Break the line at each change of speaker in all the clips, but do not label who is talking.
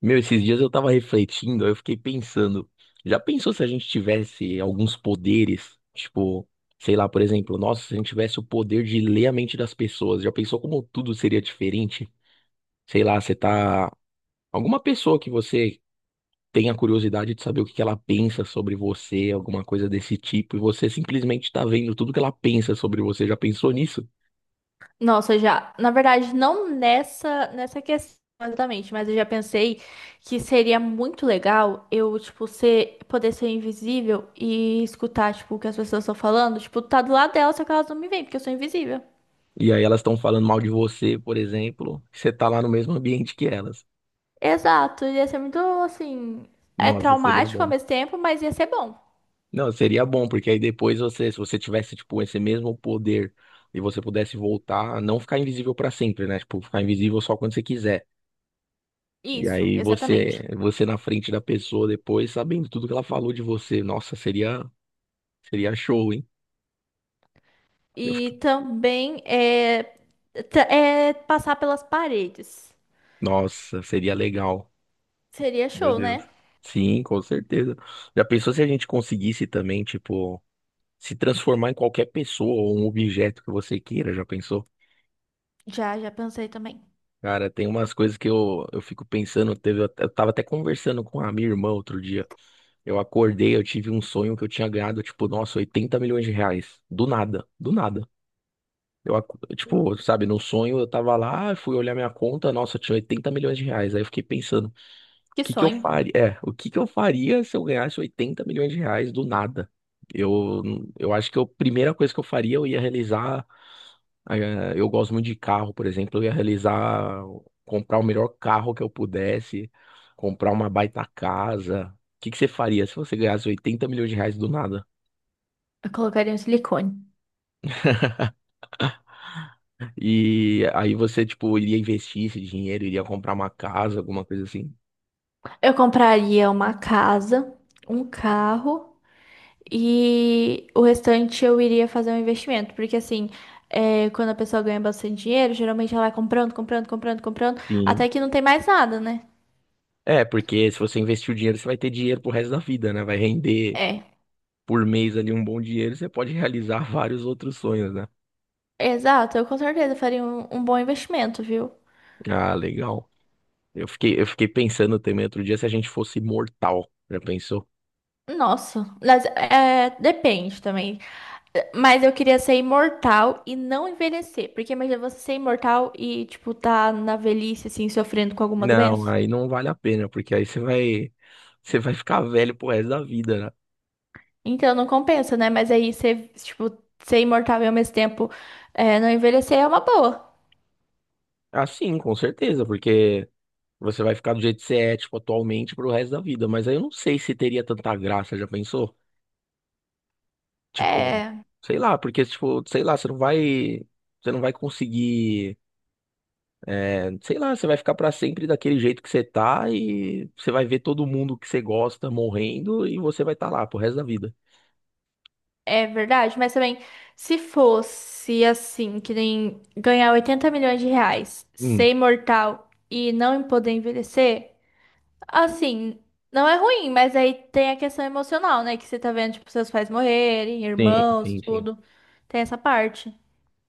Meu, esses dias eu tava refletindo, aí eu fiquei pensando, já pensou se a gente tivesse alguns poderes? Tipo, sei lá, por exemplo, nossa, se a gente tivesse o poder de ler a mente das pessoas, já pensou como tudo seria diferente? Sei lá, você tá. Alguma pessoa que você tenha curiosidade de saber o que que ela pensa sobre você, alguma coisa desse tipo, e você simplesmente tá vendo tudo que ela pensa sobre você, já pensou nisso?
Nossa, já. Na verdade, não nessa questão exatamente, mas eu já pensei que seria muito legal eu, tipo, ser, poder ser invisível e escutar, tipo, o que as pessoas estão falando. Tipo, tá do lado delas, só que elas não me veem, porque eu sou invisível.
E aí elas estão falando mal de você, por exemplo, e você tá lá no mesmo ambiente que elas.
Exato, ia ser muito, assim, é
Nossa, seria
traumático ao
bom.
mesmo tempo, mas ia ser bom.
Não, seria bom, porque aí depois você, se você tivesse, tipo, esse mesmo poder e você pudesse voltar, não ficar invisível pra sempre, né? Tipo, ficar invisível só quando você quiser. E
Isso,
aí
exatamente.
você na frente da pessoa depois, sabendo tudo que ela falou de você. Nossa, seria, seria show, hein? Eu fiquei-
E também é, é passar pelas paredes.
Nossa, seria legal.
Seria
Meu
show,
Deus.
né?
Sim, com certeza. Já pensou se a gente conseguisse também, tipo, se transformar em qualquer pessoa ou um objeto que você queira? Já pensou?
Já, já pensei também.
Cara, tem umas coisas que eu fico pensando, teve, eu tava até conversando com a minha irmã outro dia. Eu acordei, eu tive um sonho que eu tinha ganhado, tipo, nossa, 80 milhões de reais. Do nada, do nada. Tipo, sabe, no sonho eu tava lá, fui olhar minha conta, nossa, tinha 80 milhões de reais. Aí eu fiquei pensando, o
Que
que que eu
sonho.
faria? É, o que que eu faria se eu ganhasse 80 milhões de reais do nada? Eu, eu acho que a primeira coisa que eu faria, eu ia realizar. Eu gosto muito de carro, por exemplo, eu ia realizar, comprar o melhor carro que eu pudesse, comprar uma baita casa. O que que você faria se você ganhasse 80 milhões de reais do nada?
Eu colocaria um silicone.
E aí você, tipo, iria investir esse dinheiro, iria comprar uma casa, alguma coisa assim.
Eu compraria uma casa, um carro e o restante eu iria fazer um investimento. Porque assim, é, quando a pessoa ganha bastante dinheiro, geralmente ela vai comprando, comprando, comprando, comprando,
Sim.
até que não tem mais nada, né?
É, porque se você investir o dinheiro, você vai ter dinheiro pro resto da vida, né? Vai render
É.
por mês ali um bom dinheiro, você pode realizar vários outros sonhos, né?
Exato, eu com certeza faria um bom investimento, viu?
Ah, legal. Eu fiquei pensando também outro dia se a gente fosse imortal. Já pensou?
Nossa, mas é, depende também. Mas eu queria ser imortal e não envelhecer. Porque imagina você ser imortal e, tipo, tá na velhice, assim, sofrendo com alguma
Não,
doença.
aí não vale a pena, porque aí você vai ficar velho pro resto da vida, né?
Então não compensa, né? Mas aí ser, tipo, ser imortal e ao mesmo tempo é, não envelhecer é uma boa.
Assim, com certeza, porque você vai ficar do jeito que você é, tipo, atualmente pro resto da vida. Mas aí eu não sei se teria tanta graça, já pensou? Tipo,
É,
sei lá, porque, tipo, sei lá, você não vai conseguir, sei lá, você vai ficar pra sempre daquele jeito que você tá e você vai ver todo mundo que você gosta morrendo e você vai estar lá pro resto da vida.
é verdade. Mas também, se fosse assim, que nem ganhar 80 milhões de reais,
Hum,
ser imortal e não poder envelhecer, assim, não é ruim, mas aí tem a questão emocional, né? Que você tá vendo, tipo, seus pais morrerem,
sim,
irmãos,
sim, sim.
tudo. Tem essa parte.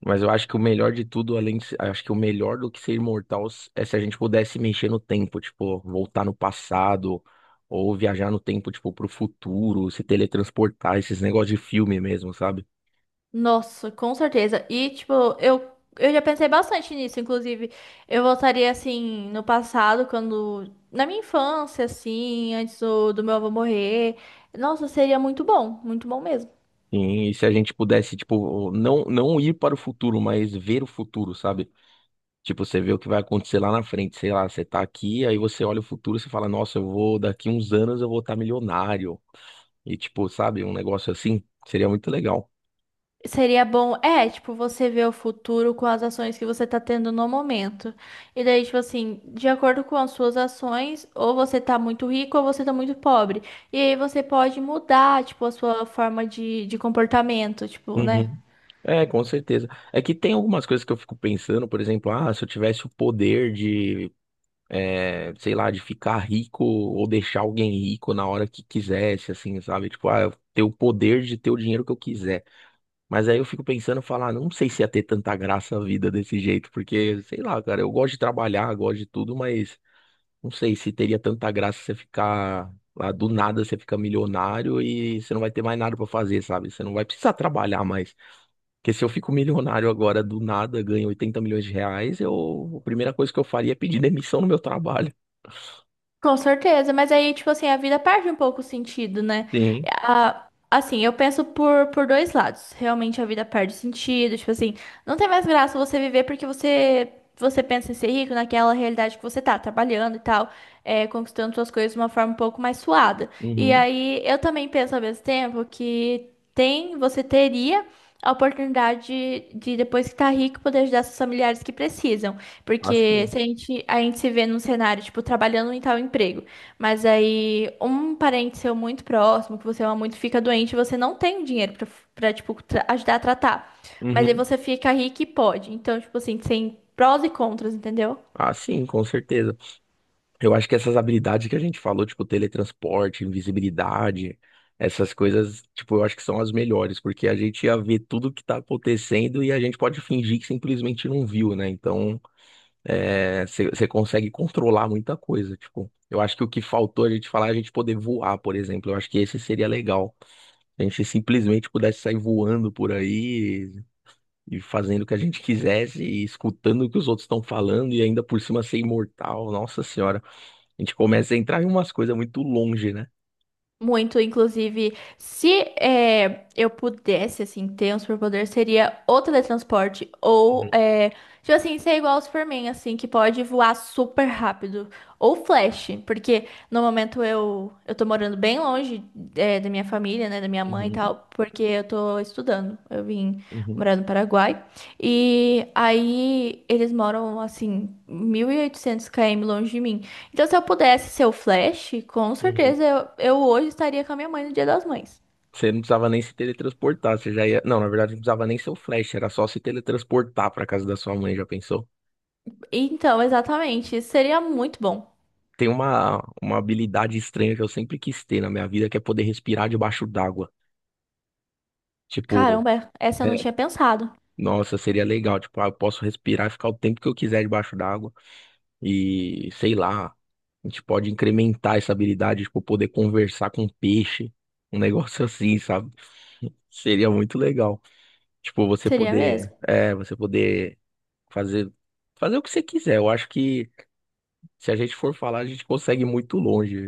Mas eu acho que o melhor de tudo, além de, se- acho que o melhor do que ser é se a gente pudesse mexer no tempo, tipo, voltar no passado ou viajar no tempo, tipo, pro futuro, se teletransportar, esses negócios de filme mesmo, sabe?
Nossa, com certeza. E, tipo, eu, eu já pensei bastante nisso. Inclusive, eu voltaria assim no passado, quando. Na minha infância, assim, antes do meu avô morrer. Nossa, seria muito bom mesmo.
Sim, e se a gente pudesse, tipo, não, não ir para o futuro, mas ver o futuro, sabe? Tipo, você vê o que vai acontecer lá na frente, sei lá, você tá aqui, aí você olha o futuro, você fala, nossa, eu vou, daqui uns anos eu vou estar milionário. E tipo, sabe, um negócio assim seria muito legal.
Seria bom, é, tipo, você ver o futuro com as ações que você tá tendo no momento. E daí, tipo assim, de acordo com as suas ações, ou você tá muito rico ou você tá muito pobre. E aí você pode mudar, tipo, a sua forma de comportamento, tipo, né?
Uhum. É, com certeza. É que tem algumas coisas que eu fico pensando, por exemplo, ah, se eu tivesse o poder de sei lá, de ficar rico ou deixar alguém rico na hora que quisesse, assim, sabe? Tipo, ah, eu ter o poder de ter o dinheiro que eu quiser. Mas aí eu fico pensando, falar, não sei se ia ter tanta graça a vida desse jeito, porque, sei lá, cara, eu gosto de trabalhar, gosto de tudo, mas não sei se teria tanta graça você ficar lá do nada, você fica milionário e você não vai ter mais nada pra fazer, sabe? Você não vai precisar trabalhar mais. Porque se eu fico milionário agora do nada, ganho 80 milhões de reais, eu, a primeira coisa que eu faria é pedir demissão no meu trabalho.
Com certeza, mas aí, tipo assim, a vida perde um pouco o sentido, né?
Sim.
A- assim, eu penso por dois lados. Realmente a vida perde sentido, tipo assim, não tem mais graça você viver porque você, você pensa em ser rico naquela realidade que você tá, trabalhando e tal, é, conquistando suas coisas de uma forma um pouco mais suada. E
Uhum.
aí, eu também penso ao mesmo tempo que tem, você teria a oportunidade de, depois que tá rico, poder ajudar seus familiares que precisam. Porque
Assim.
se a gente, a gente se vê num cenário, tipo, trabalhando em tal emprego, mas aí um parente seu muito próximo, que você ama muito, fica doente, você não tem o dinheiro pra, pra tipo, ajudar a tratar. Mas aí
Uhum.
você fica rico e pode. Então, tipo assim, tem prós e contras, entendeu?
Assim, com certeza. Eu acho que essas habilidades que a gente falou, tipo teletransporte, invisibilidade, essas coisas, tipo, eu acho que são as melhores, porque a gente ia ver tudo que tá acontecendo e a gente pode fingir que simplesmente não viu, né? Então, é, você consegue controlar muita coisa, tipo. Eu acho que o que faltou a gente falar é a gente poder voar, por exemplo. Eu acho que esse seria legal. A gente simplesmente pudesse sair voando por aí, e fazendo o que a gente quisesse e escutando o que os outros estão falando e ainda por cima ser imortal. Nossa senhora, a gente começa a entrar em umas coisas muito longe, né?
Muito, inclusive, se é, eu pudesse, assim, ter um superpoder, seria o teletransporte. Ou,
Uhum,
é, tipo assim, ser igual ao Superman, assim, que pode voar super rápido. Ou Flash, porque no momento eu tô morando bem longe. É, é, da minha família, né, da minha mãe e
uhum,
tal, porque eu tô estudando. Eu vim
uhum,
morar no Paraguai. E aí eles moram, assim, 1.800 km longe de mim. Então, se eu pudesse ser o Flash, com
uhum.
certeza eu hoje estaria com a minha mãe no Dia das Mães.
Você não precisava nem se teletransportar, você já ia. Não, na verdade, não precisava nem ser o Flash, era só se teletransportar pra casa da sua mãe, já pensou?
Então, exatamente, isso seria muito bom.
Tem uma habilidade estranha que eu sempre quis ter na minha vida, que é poder respirar debaixo d'água. Tipo,
Caramba, essa eu não
é,
tinha pensado.
Nossa, seria legal. Tipo, ah, eu posso respirar e ficar o tempo que eu quiser debaixo d'água. E sei lá, a gente pode incrementar essa habilidade, tipo, poder conversar com peixe, um negócio assim, sabe? Seria muito legal. Tipo, você
Seria
poder,
mesmo.
você poder fazer fazer o que você quiser. Eu acho que se a gente for falar, a gente consegue ir muito longe.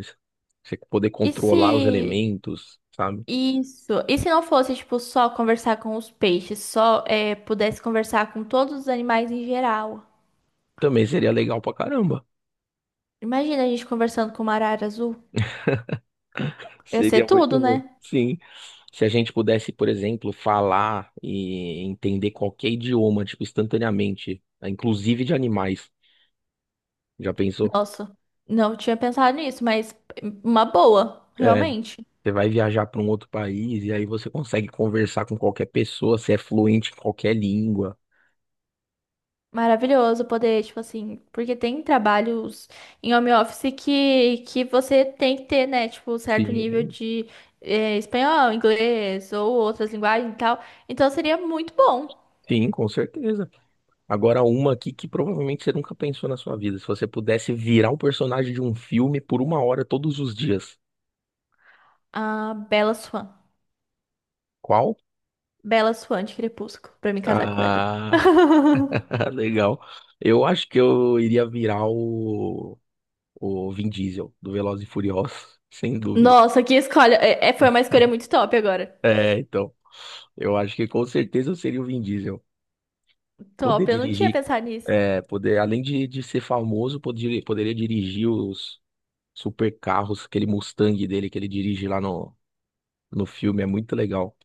Você poder
E se
controlar os elementos, sabe?
isso, e se não fosse tipo só conversar com os peixes, só é, pudesse conversar com todos os animais em geral?
Também seria legal pra caramba.
Imagina a gente conversando com uma arara azul. Ia ser
Seria muito
tudo,
bom.
né?
Sim. Se a gente pudesse, por exemplo, falar e entender qualquer idioma, tipo, instantaneamente, né, inclusive de animais. Já pensou?
Nossa, não tinha pensado nisso, mas uma boa,
É,
realmente.
você vai viajar para um outro país e aí você consegue conversar com qualquer pessoa, você é fluente em qualquer língua.
Maravilhoso poder, tipo assim, porque tem trabalhos em home office que você tem que ter, né? Tipo, um certo nível
Sim,
de espanhol, inglês ou outras linguagens e tal. Então seria muito bom.
sim, com certeza. Agora, uma aqui que provavelmente você nunca pensou na sua vida. Se você pudesse virar o personagem de um filme por uma hora todos os dias,
A Bela Swan.
qual?
Bela Swan de Crepúsculo, pra me casar com o Edward.
Ah, legal. Eu acho que eu iria virar o Vin Diesel do Velozes e Furiosos, sem dúvida.
Nossa, que escolha. É, é- foi uma escolha muito top agora.
É, então, eu acho que com certeza eu seria o Vin Diesel. Poder
Top, eu não tinha
dirigir,
pensado nisso.
é, poder, além de ser famoso, poder, poderia dirigir os super carros, aquele Mustang dele que ele dirige lá no, no filme, é muito legal.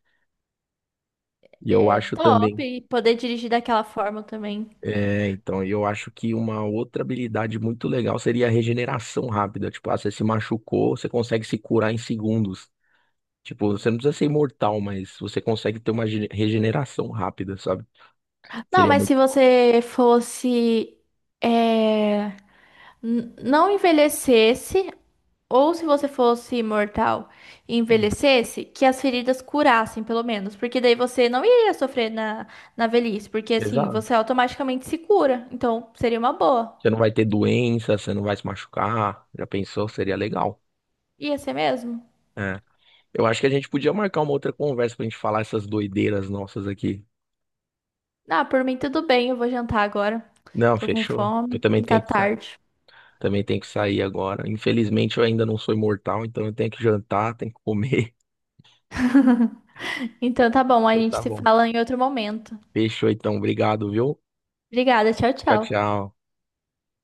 E eu
É
acho
top
também,
e poder dirigir daquela forma também.
é, então, e eu acho que uma outra habilidade muito legal seria a regeneração rápida. Tipo, ah, você se machucou, você consegue se curar em segundos. Tipo, você não precisa ser imortal, mas você consegue ter uma regeneração rápida, sabe?
Não,
Seria
mas
muito.
se você fosse, é, n- não envelhecesse, ou se você fosse imortal e envelhecesse, que as feridas curassem, pelo menos. Porque daí você não iria sofrer na, na velhice, porque assim,
Exato.
você automaticamente se cura. Então, seria uma boa.
Você não vai ter doença, você não vai se machucar. Já pensou? Seria legal.
Ia ser mesmo?
É. Eu acho que a gente podia marcar uma outra conversa pra gente falar essas doideiras nossas aqui.
Ah, por mim tudo bem, eu vou jantar agora.
Não,
Tô com
fechou. Eu
fome
também
e tá
tenho que sair.
tarde.
Também tenho que sair agora. Infelizmente, eu ainda não sou imortal, então eu tenho que jantar, tenho que comer.
Então tá bom, a
Então,
gente
tá
se
bom.
fala em outro momento.
Fechou, então. Obrigado, viu?
Obrigada, tchau,
Tchau,
tchau.
tchau.